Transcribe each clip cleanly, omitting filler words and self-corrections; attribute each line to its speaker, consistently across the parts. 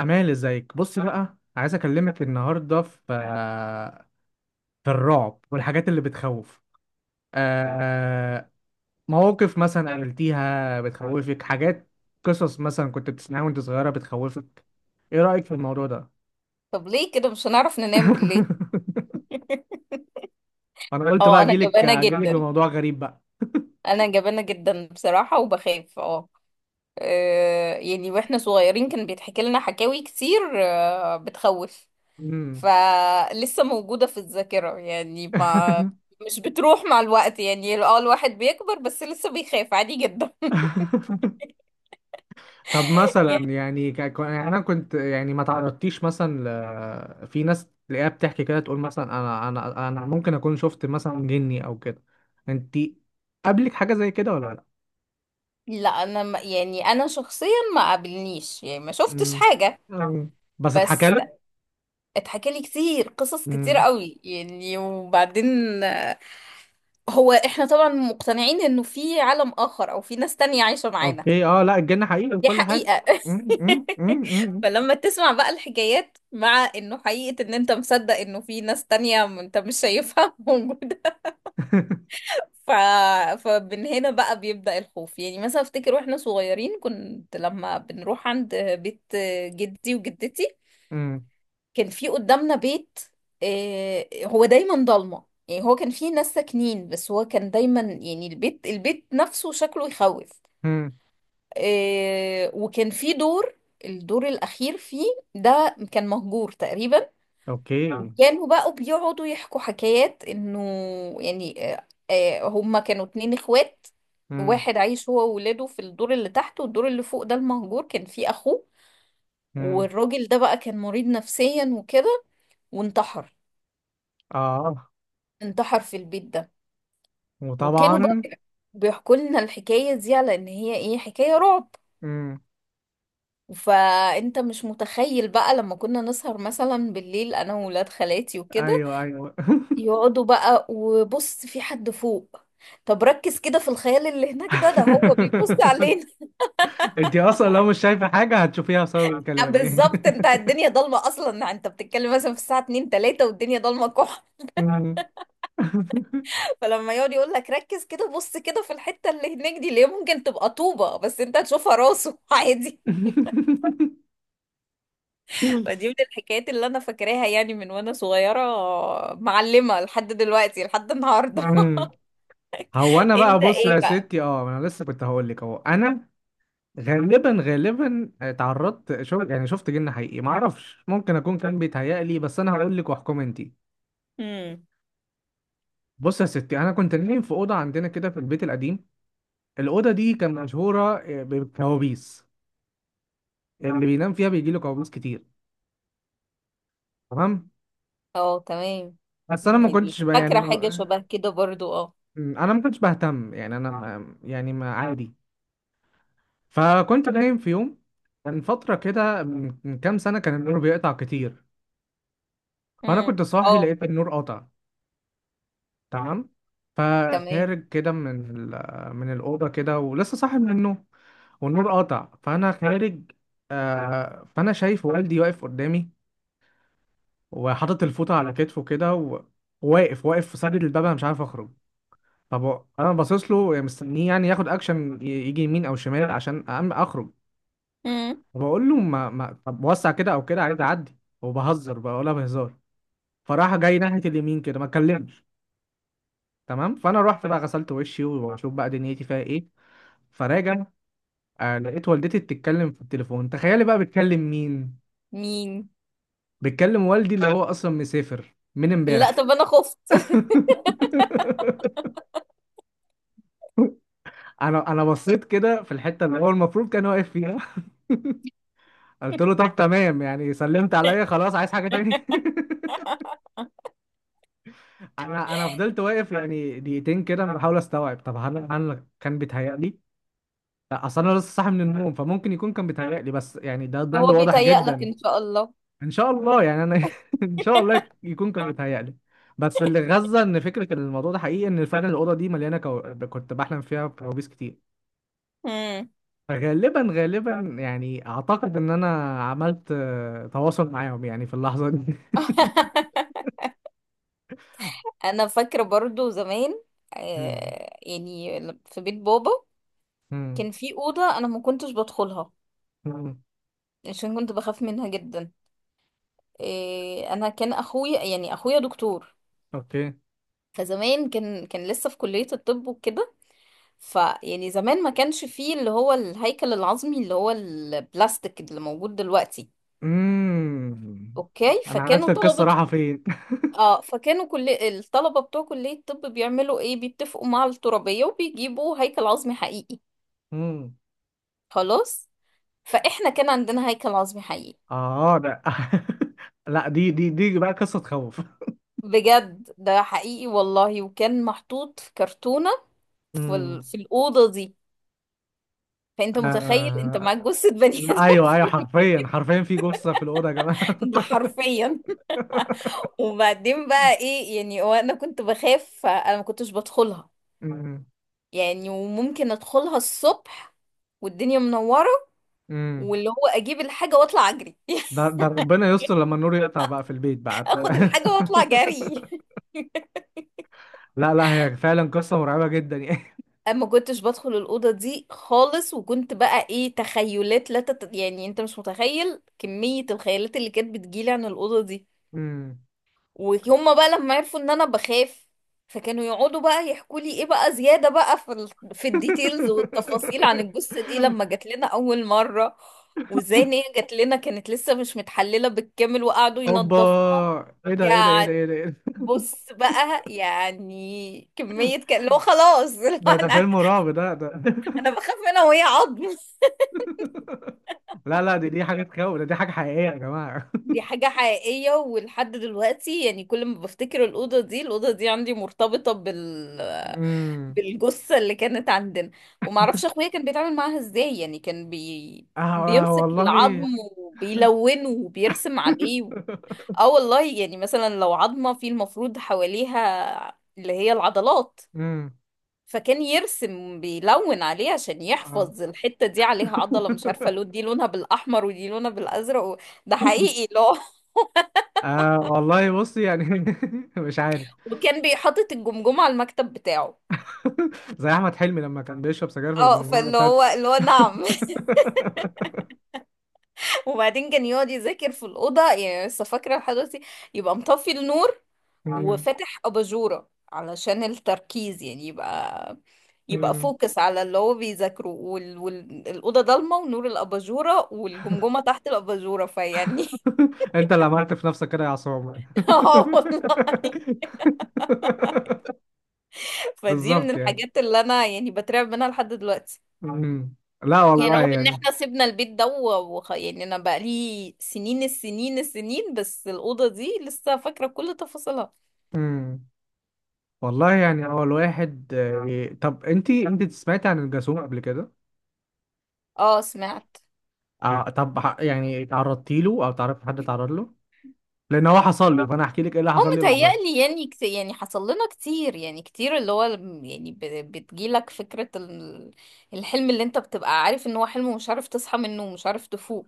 Speaker 1: أمال ازيك؟ بص بقى، عايز أكلمك النهاردة في الرعب والحاجات اللي بتخوف. آه، مواقف مثلا قابلتيها بتخوفك، حاجات، قصص مثلا كنت بتسمعها وأنت صغيرة بتخوفك. إيه رأيك في الموضوع ده؟
Speaker 2: طب ليه كده مش هنعرف ننام بالليل؟
Speaker 1: أنا قلت بقى
Speaker 2: اه انا
Speaker 1: أجيلك
Speaker 2: جبانة
Speaker 1: أجيلك
Speaker 2: جدا.
Speaker 1: بموضوع غريب بقى.
Speaker 2: انا جبانة جدا بصراحة وبخاف يعني واحنا صغيرين كان بيتحكي لنا حكاوي كتير بتخوف.
Speaker 1: مم.
Speaker 2: فلسه موجودة في الذاكرة، يعني ما مش بتروح مع الوقت. يعني الواحد بيكبر بس لسه بيخاف عادي جدا.
Speaker 1: طب مثلا
Speaker 2: يعني،
Speaker 1: يعني يعني انا كنت، يعني ما تعرضتيش مثلا في ناس تلاقيها بتحكي كده، تقول مثلا انا ممكن اكون شفت مثلا جني او كده. انت، قابلك حاجه زي كده ولا لا؟
Speaker 2: لا انا يعني انا شخصيا ما قابلنيش، يعني ما شفتش
Speaker 1: امم.
Speaker 2: حاجة.
Speaker 1: أمم. بس اتحكى
Speaker 2: بس
Speaker 1: لك.
Speaker 2: اتحكى لي كتير قصص كتير
Speaker 1: امم.
Speaker 2: قوي يعني. وبعدين هو احنا طبعا مقتنعين انه في عالم اخر او في ناس تانية عايشة معانا.
Speaker 1: اوكي. اه. لا، الجن حقيقي
Speaker 2: دي
Speaker 1: وكل حاجه.
Speaker 2: حقيقة.
Speaker 1: امم، امم، امم، امم.
Speaker 2: فلما تسمع بقى الحكايات، مع انه حقيقة ان انت مصدق انه في ناس تانية، انت مش شايفها موجودة. ف... فمن هنا بقى بيبدأ الخوف. يعني مثلا افتكر واحنا صغيرين كنت لما بنروح عند بيت جدي وجدتي،
Speaker 1: أمم.
Speaker 2: كان في قدامنا بيت، هو دايما ضلمة. يعني هو كان فيه ناس ساكنين بس هو كان دايما يعني البيت نفسه شكله يخوف.
Speaker 1: أمم.
Speaker 2: وكان فيه دور، الدور الأخير فيه ده كان مهجور تقريبا.
Speaker 1: اوكي. امم.
Speaker 2: وكانوا بقوا بيقعدوا يحكوا حكايات إنه يعني، هما كانوا اتنين اخوات. واحد عايش هو وولاده في الدور اللي تحت، والدور اللي فوق ده المهجور كان فيه أخوه.
Speaker 1: امم.
Speaker 2: والراجل ده بقى كان مريض نفسيا وكده، وانتحر.
Speaker 1: اه.
Speaker 2: انتحر في البيت ده. وكانوا بقى
Speaker 1: وطبعا.
Speaker 2: بيحكوا لنا الحكاية دي على ان هي ايه، حكاية رعب.
Speaker 1: امم.
Speaker 2: فانت مش متخيل بقى لما كنا نسهر مثلا بالليل انا وولاد خالاتي وكده،
Speaker 1: ايوه، ايوه.
Speaker 2: يقعدوا بقى وبص في حد فوق، طب ركز كده في الخيال اللي هناك ده، هو بيبص علينا.
Speaker 1: انت اصلا لو مش شايفه حاجه هتشوفيها بسبب كلامي.
Speaker 2: بالظبط، انت الدنيا ضلمه اصلا، انت بتتكلم مثلا في الساعه 2 3 والدنيا ضلمه كح.
Speaker 1: مم.
Speaker 2: فلما يقعد يقول لك ركز كده، بص كده في الحته اللي هناك دي اللي هي ممكن تبقى طوبه، بس انت هتشوفها راسه عادي. فدي من الحكايات اللي انا فاكراها يعني من وانا صغيرة، معلمة لحد دلوقتي لحد النهاردة.
Speaker 1: مم. هو انا بقى
Speaker 2: انت
Speaker 1: بص
Speaker 2: ايه
Speaker 1: يا
Speaker 2: بقى؟
Speaker 1: ستي، اه انا لسه كنت هقول لك، اهو انا غالبا غالبا اتعرضت. شوف يعني، شفت جن حقيقي. ما اعرفش، ممكن اكون كان بيتهيألي بس انا هقول لك واحكم انت.
Speaker 2: امم،
Speaker 1: بص يا ستي، انا كنت نايم في اوضه عندنا كده في البيت القديم. الاوضه دي كان مشهوره بكوابيس، اللي بينام فيها بيجي له كوابيس كتير. تمام.
Speaker 2: اه تمام.
Speaker 1: بس انا ما
Speaker 2: يعني
Speaker 1: كنتش بقى يعني.
Speaker 2: فاكرة حاجة شبه كده برضو
Speaker 1: انا ما كنتش بهتم، يعني انا يعني، ما، عادي. فكنت نايم في يوم، كان فتره كده من كام سنه، كان النور بيقطع كتير. فانا
Speaker 2: امم،
Speaker 1: كنت صاحي،
Speaker 2: اه
Speaker 1: لقيت النور قطع. تمام.
Speaker 2: تمام.
Speaker 1: فخارج كده من من الاوضه كده، ولسه صاحي من النوم. والنور قطع، فانا خارج. فانا شايف والدي واقف قدامي، وحاطط الفوطه على كتفه كده وواقف واقف في سد الباب، انا مش عارف اخرج. طب انا باصص له مستنيه يعني ياخد اكشن، يجي يمين او شمال عشان اخرج.
Speaker 2: امم،
Speaker 1: وبقول له ما طب وسع كده او كده، عايز اعدي، وبهزر بقى ولا بهزار. فراح جاي ناحيه اليمين كده، ما اتكلمش. تمام. فانا رحت بقى غسلت وشي واشوف بقى دنيتي فيها ايه. فراجع، لقيت والدتي بتتكلم في التليفون، تخيلي بقى بتكلم مين؟
Speaker 2: مين؟
Speaker 1: بتكلم والدي اللي هو اصلا مسافر من
Speaker 2: لا طب
Speaker 1: امبارح.
Speaker 2: انا خفت.
Speaker 1: انا بصيت كده في الحته اللي هو المفروض كان واقف فيها. قلت له طب تمام يعني، سلمت عليا، خلاص عايز حاجه تاني؟ انا فضلت واقف يعني دقيقتين كده، انا بحاول استوعب، طب هل انا كان بيتهيألي؟ لا، اصل انا لسه صاحي من النوم، فممكن يكون كان بيتهيألي بس يعني ده ظل
Speaker 2: هو
Speaker 1: واضح
Speaker 2: بيتهيأ لك
Speaker 1: جدا.
Speaker 2: ان شاء الله.
Speaker 1: ان شاء الله يعني انا، ان شاء الله يكون كان بيتهيألي. بس اللي غزة، ان فكرة الموضوع ده حقيقي، ان فعلا الاوضة دي مليانة كنت بحلم فيها كوابيس كتير.
Speaker 2: امم.
Speaker 1: غالبا غالبا يعني اعتقد ان انا عملت تواصل معاهم يعني في اللحظة دي.
Speaker 2: انا فاكرة برضو زمان،
Speaker 1: مم.
Speaker 2: يعني في بيت بابا
Speaker 1: مم.
Speaker 2: كان في أوضة أنا ما كنتش بدخلها
Speaker 1: مم.
Speaker 2: عشان كنت بخاف منها جدا. إيه، انا كان اخويا، يعني اخويا دكتور.
Speaker 1: اوكي.
Speaker 2: فزمان كان لسه في كلية الطب وكده. فيعني زمان ما كانش فيه اللي هو الهيكل العظمي اللي هو البلاستيك اللي موجود دلوقتي.
Speaker 1: امم.
Speaker 2: اوكي،
Speaker 1: انا عرفت
Speaker 2: فكانوا
Speaker 1: القصه
Speaker 2: طلبة.
Speaker 1: رايحه فين.
Speaker 2: اه فكانوا كل الطلبة بتوع كلية الطب بيعملوا ايه، بيتفقوا مع الترابية وبيجيبوا هيكل عظمي حقيقي.
Speaker 1: امم.
Speaker 2: خلاص. فاحنا كان عندنا هيكل عظمي حقيقي،
Speaker 1: اه، ده. لا، دي بقى قصه تخوف.
Speaker 2: بجد ده حقيقي والله. وكان محطوط في كرتونة
Speaker 1: امم.
Speaker 2: في الأوضة دي. فانت متخيل انت
Speaker 1: آه...
Speaker 2: معاك جثة بني
Speaker 1: لا،
Speaker 2: ادم
Speaker 1: ايوه،
Speaker 2: في.
Speaker 1: ايوه، حرفيا حرفيا في جثه في الاوضه يا جماعه.
Speaker 2: ده حرفيا. وبعدين بقى ايه، يعني هو انا كنت بخاف فانا ما كنتش بدخلها.
Speaker 1: امم.
Speaker 2: يعني وممكن ادخلها الصبح والدنيا منورة،
Speaker 1: امم.
Speaker 2: واللي هو اجيب الحاجة واطلع اجري.
Speaker 1: ده ربنا يستر لما النور يقطع بقى في البيت بقى.
Speaker 2: اخد الحاجة واطلع جري.
Speaker 1: لا، لا، هي فعلا قصه مرعبه جدا يعني.
Speaker 2: اما كنتش بدخل الأوضة دي خالص، وكنت بقى ايه، تخيلات لا تت... يعني انت مش متخيل كمية الخيالات اللي كانت بتجيلي عن الأوضة دي.
Speaker 1: امم.
Speaker 2: وهم بقى لما عرفوا ان انا بخاف، فكانوا يقعدوا بقى يحكوا لي ايه بقى زيادة بقى في الديتيلز والتفاصيل عن الجثة دي لما جات لنا اول مرة. وازاي ان هي جات لنا كانت لسه مش متحللة بالكامل وقعدوا
Speaker 1: اوبا!
Speaker 2: ينضفوها
Speaker 1: ايه ده، ايه ده، ايه ده،
Speaker 2: يعني.
Speaker 1: ايه ده، إيه ده!
Speaker 2: بص بقى، يعني كمية كان اللي هو، خلاص. اللي هو
Speaker 1: ده
Speaker 2: انا
Speaker 1: فيلم رعب ده.
Speaker 2: انا بخاف منها وهي عظم.
Speaker 1: لا، لا، دي حاجة تخوف. ده دي حاجة حقيقية يا جماعة.
Speaker 2: دي حاجة حقيقية ولحد دلوقتي. يعني كل ما بفتكر الأوضة دي، الأوضة دي عندي مرتبطة
Speaker 1: امم.
Speaker 2: بالجثة اللي كانت عندنا. ومعرفش أخويا كان بيتعامل معاها ازاي. يعني كان
Speaker 1: آه، آه
Speaker 2: بيمسك
Speaker 1: والله.
Speaker 2: العظم وبيلونه وبيرسم عليه. اه والله. يعني مثلا لو عظمة، في المفروض حواليها اللي هي العضلات.
Speaker 1: امم.
Speaker 2: فكان يرسم، بيلون عليه عشان
Speaker 1: آه.
Speaker 2: يحفظ الحتة دي عليها عضلة، مش عارفة لون، دي لونها بالأحمر ودي لونها بالأزرق و... ده حقيقي، لا.
Speaker 1: آه والله بص يعني. مش عارف.
Speaker 2: وكان بيحطط الجمجمة على المكتب بتاعه.
Speaker 1: زي أحمد حلمي لما كان بيشرب سجاير في
Speaker 2: اه،
Speaker 1: الجمجمة
Speaker 2: فاللي
Speaker 1: بتاعته.
Speaker 2: هو اللي هو نعم. وبعدين كان يقعد يذاكر في الأوضة. يعني لسه فاكرة لحد دلوقتي، يبقى مطفي النور
Speaker 1: امم.
Speaker 2: وفاتح أباجورة علشان التركيز. يعني يبقى
Speaker 1: امم.
Speaker 2: فوكس على اللي هو بيذاكره، الأوضة ضلمة ونور الأباجورة والجمجمة تحت الأباجورة، فيعني.
Speaker 1: أنت اللي عملت في نفسك كده يا عصام.
Speaker 2: اه والله. فدي من
Speaker 1: بالظبط يعني.
Speaker 2: الحاجات اللي أنا يعني بترعب منها لحد دلوقتي.
Speaker 1: مم. لا
Speaker 2: يعني
Speaker 1: والله
Speaker 2: رغم ان
Speaker 1: يعني.
Speaker 2: احنا سيبنا البيت ده يعني انا بقالي سنين السنين السنين، بس الأوضة دي لسه فاكرة كل تفاصيلها.
Speaker 1: امم. والله يعني هو الواحد، طب انت سمعتي عن الجاسوم قبل كده؟
Speaker 2: اه سمعت.
Speaker 1: طب يعني تعرضتي له او تعرفي حد تعرض له؟ لان هو حصل لي، فانا احكي لك ايه اللي
Speaker 2: اه
Speaker 1: حصل لي بالظبط.
Speaker 2: متهيألي. يعني يعني حصل لنا كتير. يعني كتير اللي هو يعني بتجيلك فكرة الحلم اللي انت بتبقى عارف ان هو حلم ومش عارف تصحى منه ومش عارف تفوق.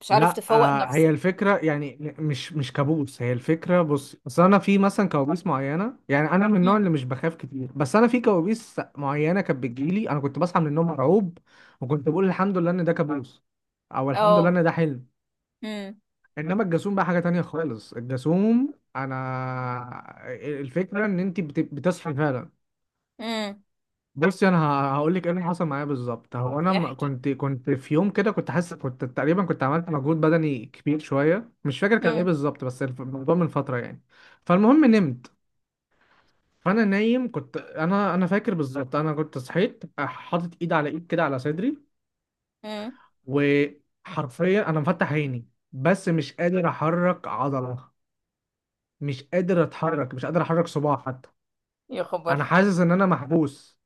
Speaker 2: مش عارف
Speaker 1: لا،
Speaker 2: تفوق
Speaker 1: هي
Speaker 2: نفسك.
Speaker 1: الفكره يعني، مش كابوس. هي الفكره بص، اصل انا في مثلا كوابيس معينه يعني، انا من النوع
Speaker 2: مم.
Speaker 1: اللي مش بخاف كتير، بس انا في كوابيس معينه كانت بتجيلي، انا كنت بصحى من النوم مرعوب، وكنت بقول الحمد لله ان ده كابوس، او الحمد لله
Speaker 2: اه.
Speaker 1: ان ده حلم.
Speaker 2: امم،
Speaker 1: انما الجاسوم بقى حاجه تانية خالص. الجاسوم، انا الفكره ان انت بتصحي فعلا.
Speaker 2: امم.
Speaker 1: بصي، انا هقول لك ايه اللي حصل معايا بالظبط. هو انا
Speaker 2: احكي.
Speaker 1: كنت في يوم كده، كنت حاسس، كنت تقريبا كنت عملت مجهود بدني كبير شويه، مش فاكر كان ايه
Speaker 2: امم،
Speaker 1: بالظبط، بس الموضوع من فتره يعني. فالمهم نمت. فانا نايم، كنت انا فاكر بالظبط، انا كنت صحيت حاطط ايد على ايد كده على صدري.
Speaker 2: امم.
Speaker 1: وحرفيا انا مفتح عيني بس مش قادر احرك عضله، مش قادر اتحرك، مش قادر احرك صباعي حتى.
Speaker 2: يا
Speaker 1: انا
Speaker 2: خبر.
Speaker 1: حاسس ان انا محبوس.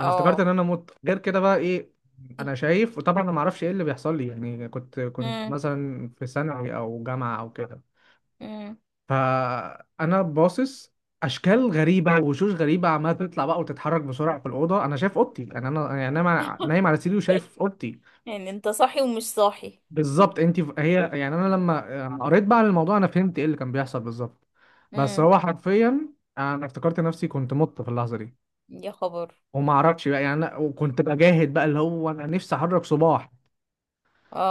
Speaker 1: انا افتكرت ان انا مت، غير كده بقى ايه؟ انا شايف، وطبعا انا ما اعرفش ايه اللي بيحصل لي، يعني كنت
Speaker 2: امم،
Speaker 1: مثلا في ثانوي او جامعه او كده.
Speaker 2: امم.
Speaker 1: فانا باصص، اشكال غريبه ووشوش غريبه عماله تطلع بقى وتتحرك بسرعه في الاوضه، انا شايف اوضتي، يعني انا نايم على سريري وشايف اوضتي.
Speaker 2: يعني انت صاحي ومش صاحي؟
Speaker 1: بالظبط انت. هي يعني انا، لما قريت بقى عن الموضوع، انا فهمت ايه اللي كان بيحصل بالظبط. بس
Speaker 2: امم.
Speaker 1: هو حرفيا، انا افتكرت نفسي كنت مت في اللحظه دي.
Speaker 2: يا خبر.
Speaker 1: وما اعرفش بقى يعني، انا وكنت بجاهد بقى اللي هو انا نفسي احرك صباح.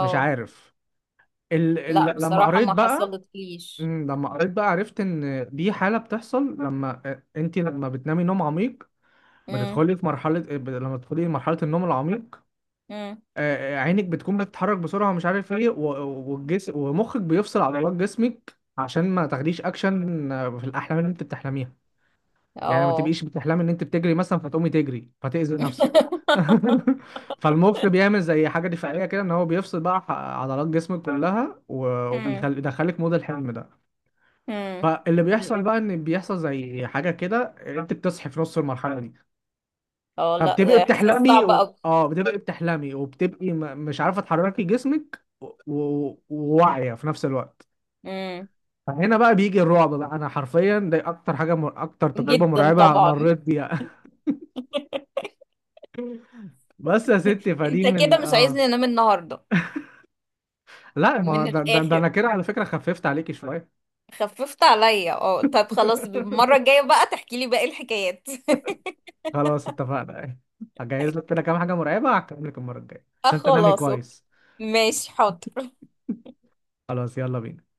Speaker 1: مش عارف.
Speaker 2: لا
Speaker 1: لما
Speaker 2: بصراحة
Speaker 1: قريت
Speaker 2: ما
Speaker 1: بقى،
Speaker 2: حصلتليش.
Speaker 1: لما قريت بقى، عرفت ان دي حاله بتحصل لما انت لما بتنامي نوم عميق.
Speaker 2: امم.
Speaker 1: بتدخلي في مرحله، لما تدخلي مرحله النوم العميق،
Speaker 2: امم.
Speaker 1: عينك بتكون بتتحرك بسرعه ومش عارف ايه، والجسم، ومخك بيفصل عضلات جسمك عشان ما تاخديش اكشن في الاحلام اللي انت بتحلميها. يعني ما
Speaker 2: اه.
Speaker 1: تبقيش بتحلمي ان انت بتجري مثلا فتقومي تجري فتأذي نفسك. فالمخ بيعمل زي حاجه دفاعيه كده، ان هو بيفصل بقى عضلات جسمك كلها،
Speaker 2: امم،
Speaker 1: وبيدخلك مود الحلم ده.
Speaker 2: امم.
Speaker 1: فاللي بيحصل بقى ان بيحصل زي حاجه كده، انت بتصحي في نص المرحله دي.
Speaker 2: اه
Speaker 1: فبتبقي
Speaker 2: لا، احساس
Speaker 1: بتحلمي
Speaker 2: صعب
Speaker 1: و...
Speaker 2: قوي.
Speaker 1: اه بتبقي بتحلمي، وبتبقي مش عارفه تحركي جسمك وواعيه في نفس الوقت.
Speaker 2: امم.
Speaker 1: فهنا بقى بيجي الرعب بقى، انا حرفيا دي اكتر حاجه اكتر تجربه
Speaker 2: جدا
Speaker 1: مرعبه
Speaker 2: طبعا.
Speaker 1: مريت بيها. بس يا ستي فدي
Speaker 2: انت كده
Speaker 1: من
Speaker 2: مش عايزني انام النهارده.
Speaker 1: لا ما
Speaker 2: من
Speaker 1: ده انا
Speaker 2: الاخر.
Speaker 1: كده على فكره خففت عليكي شويه.
Speaker 2: خففت عليا، اه. طب خلاص، المرة الجاية بقى تحكي لي باقي الحكايات.
Speaker 1: خلاص، اتفقنا. هجهز لك كده كام حاجه مرعبه، هكمل لك المره الجايه
Speaker 2: اه
Speaker 1: عشان تنامي
Speaker 2: خلاص، اوكي.
Speaker 1: كويس.
Speaker 2: ماشي، حاضر.
Speaker 1: خلاص، يلا بينا.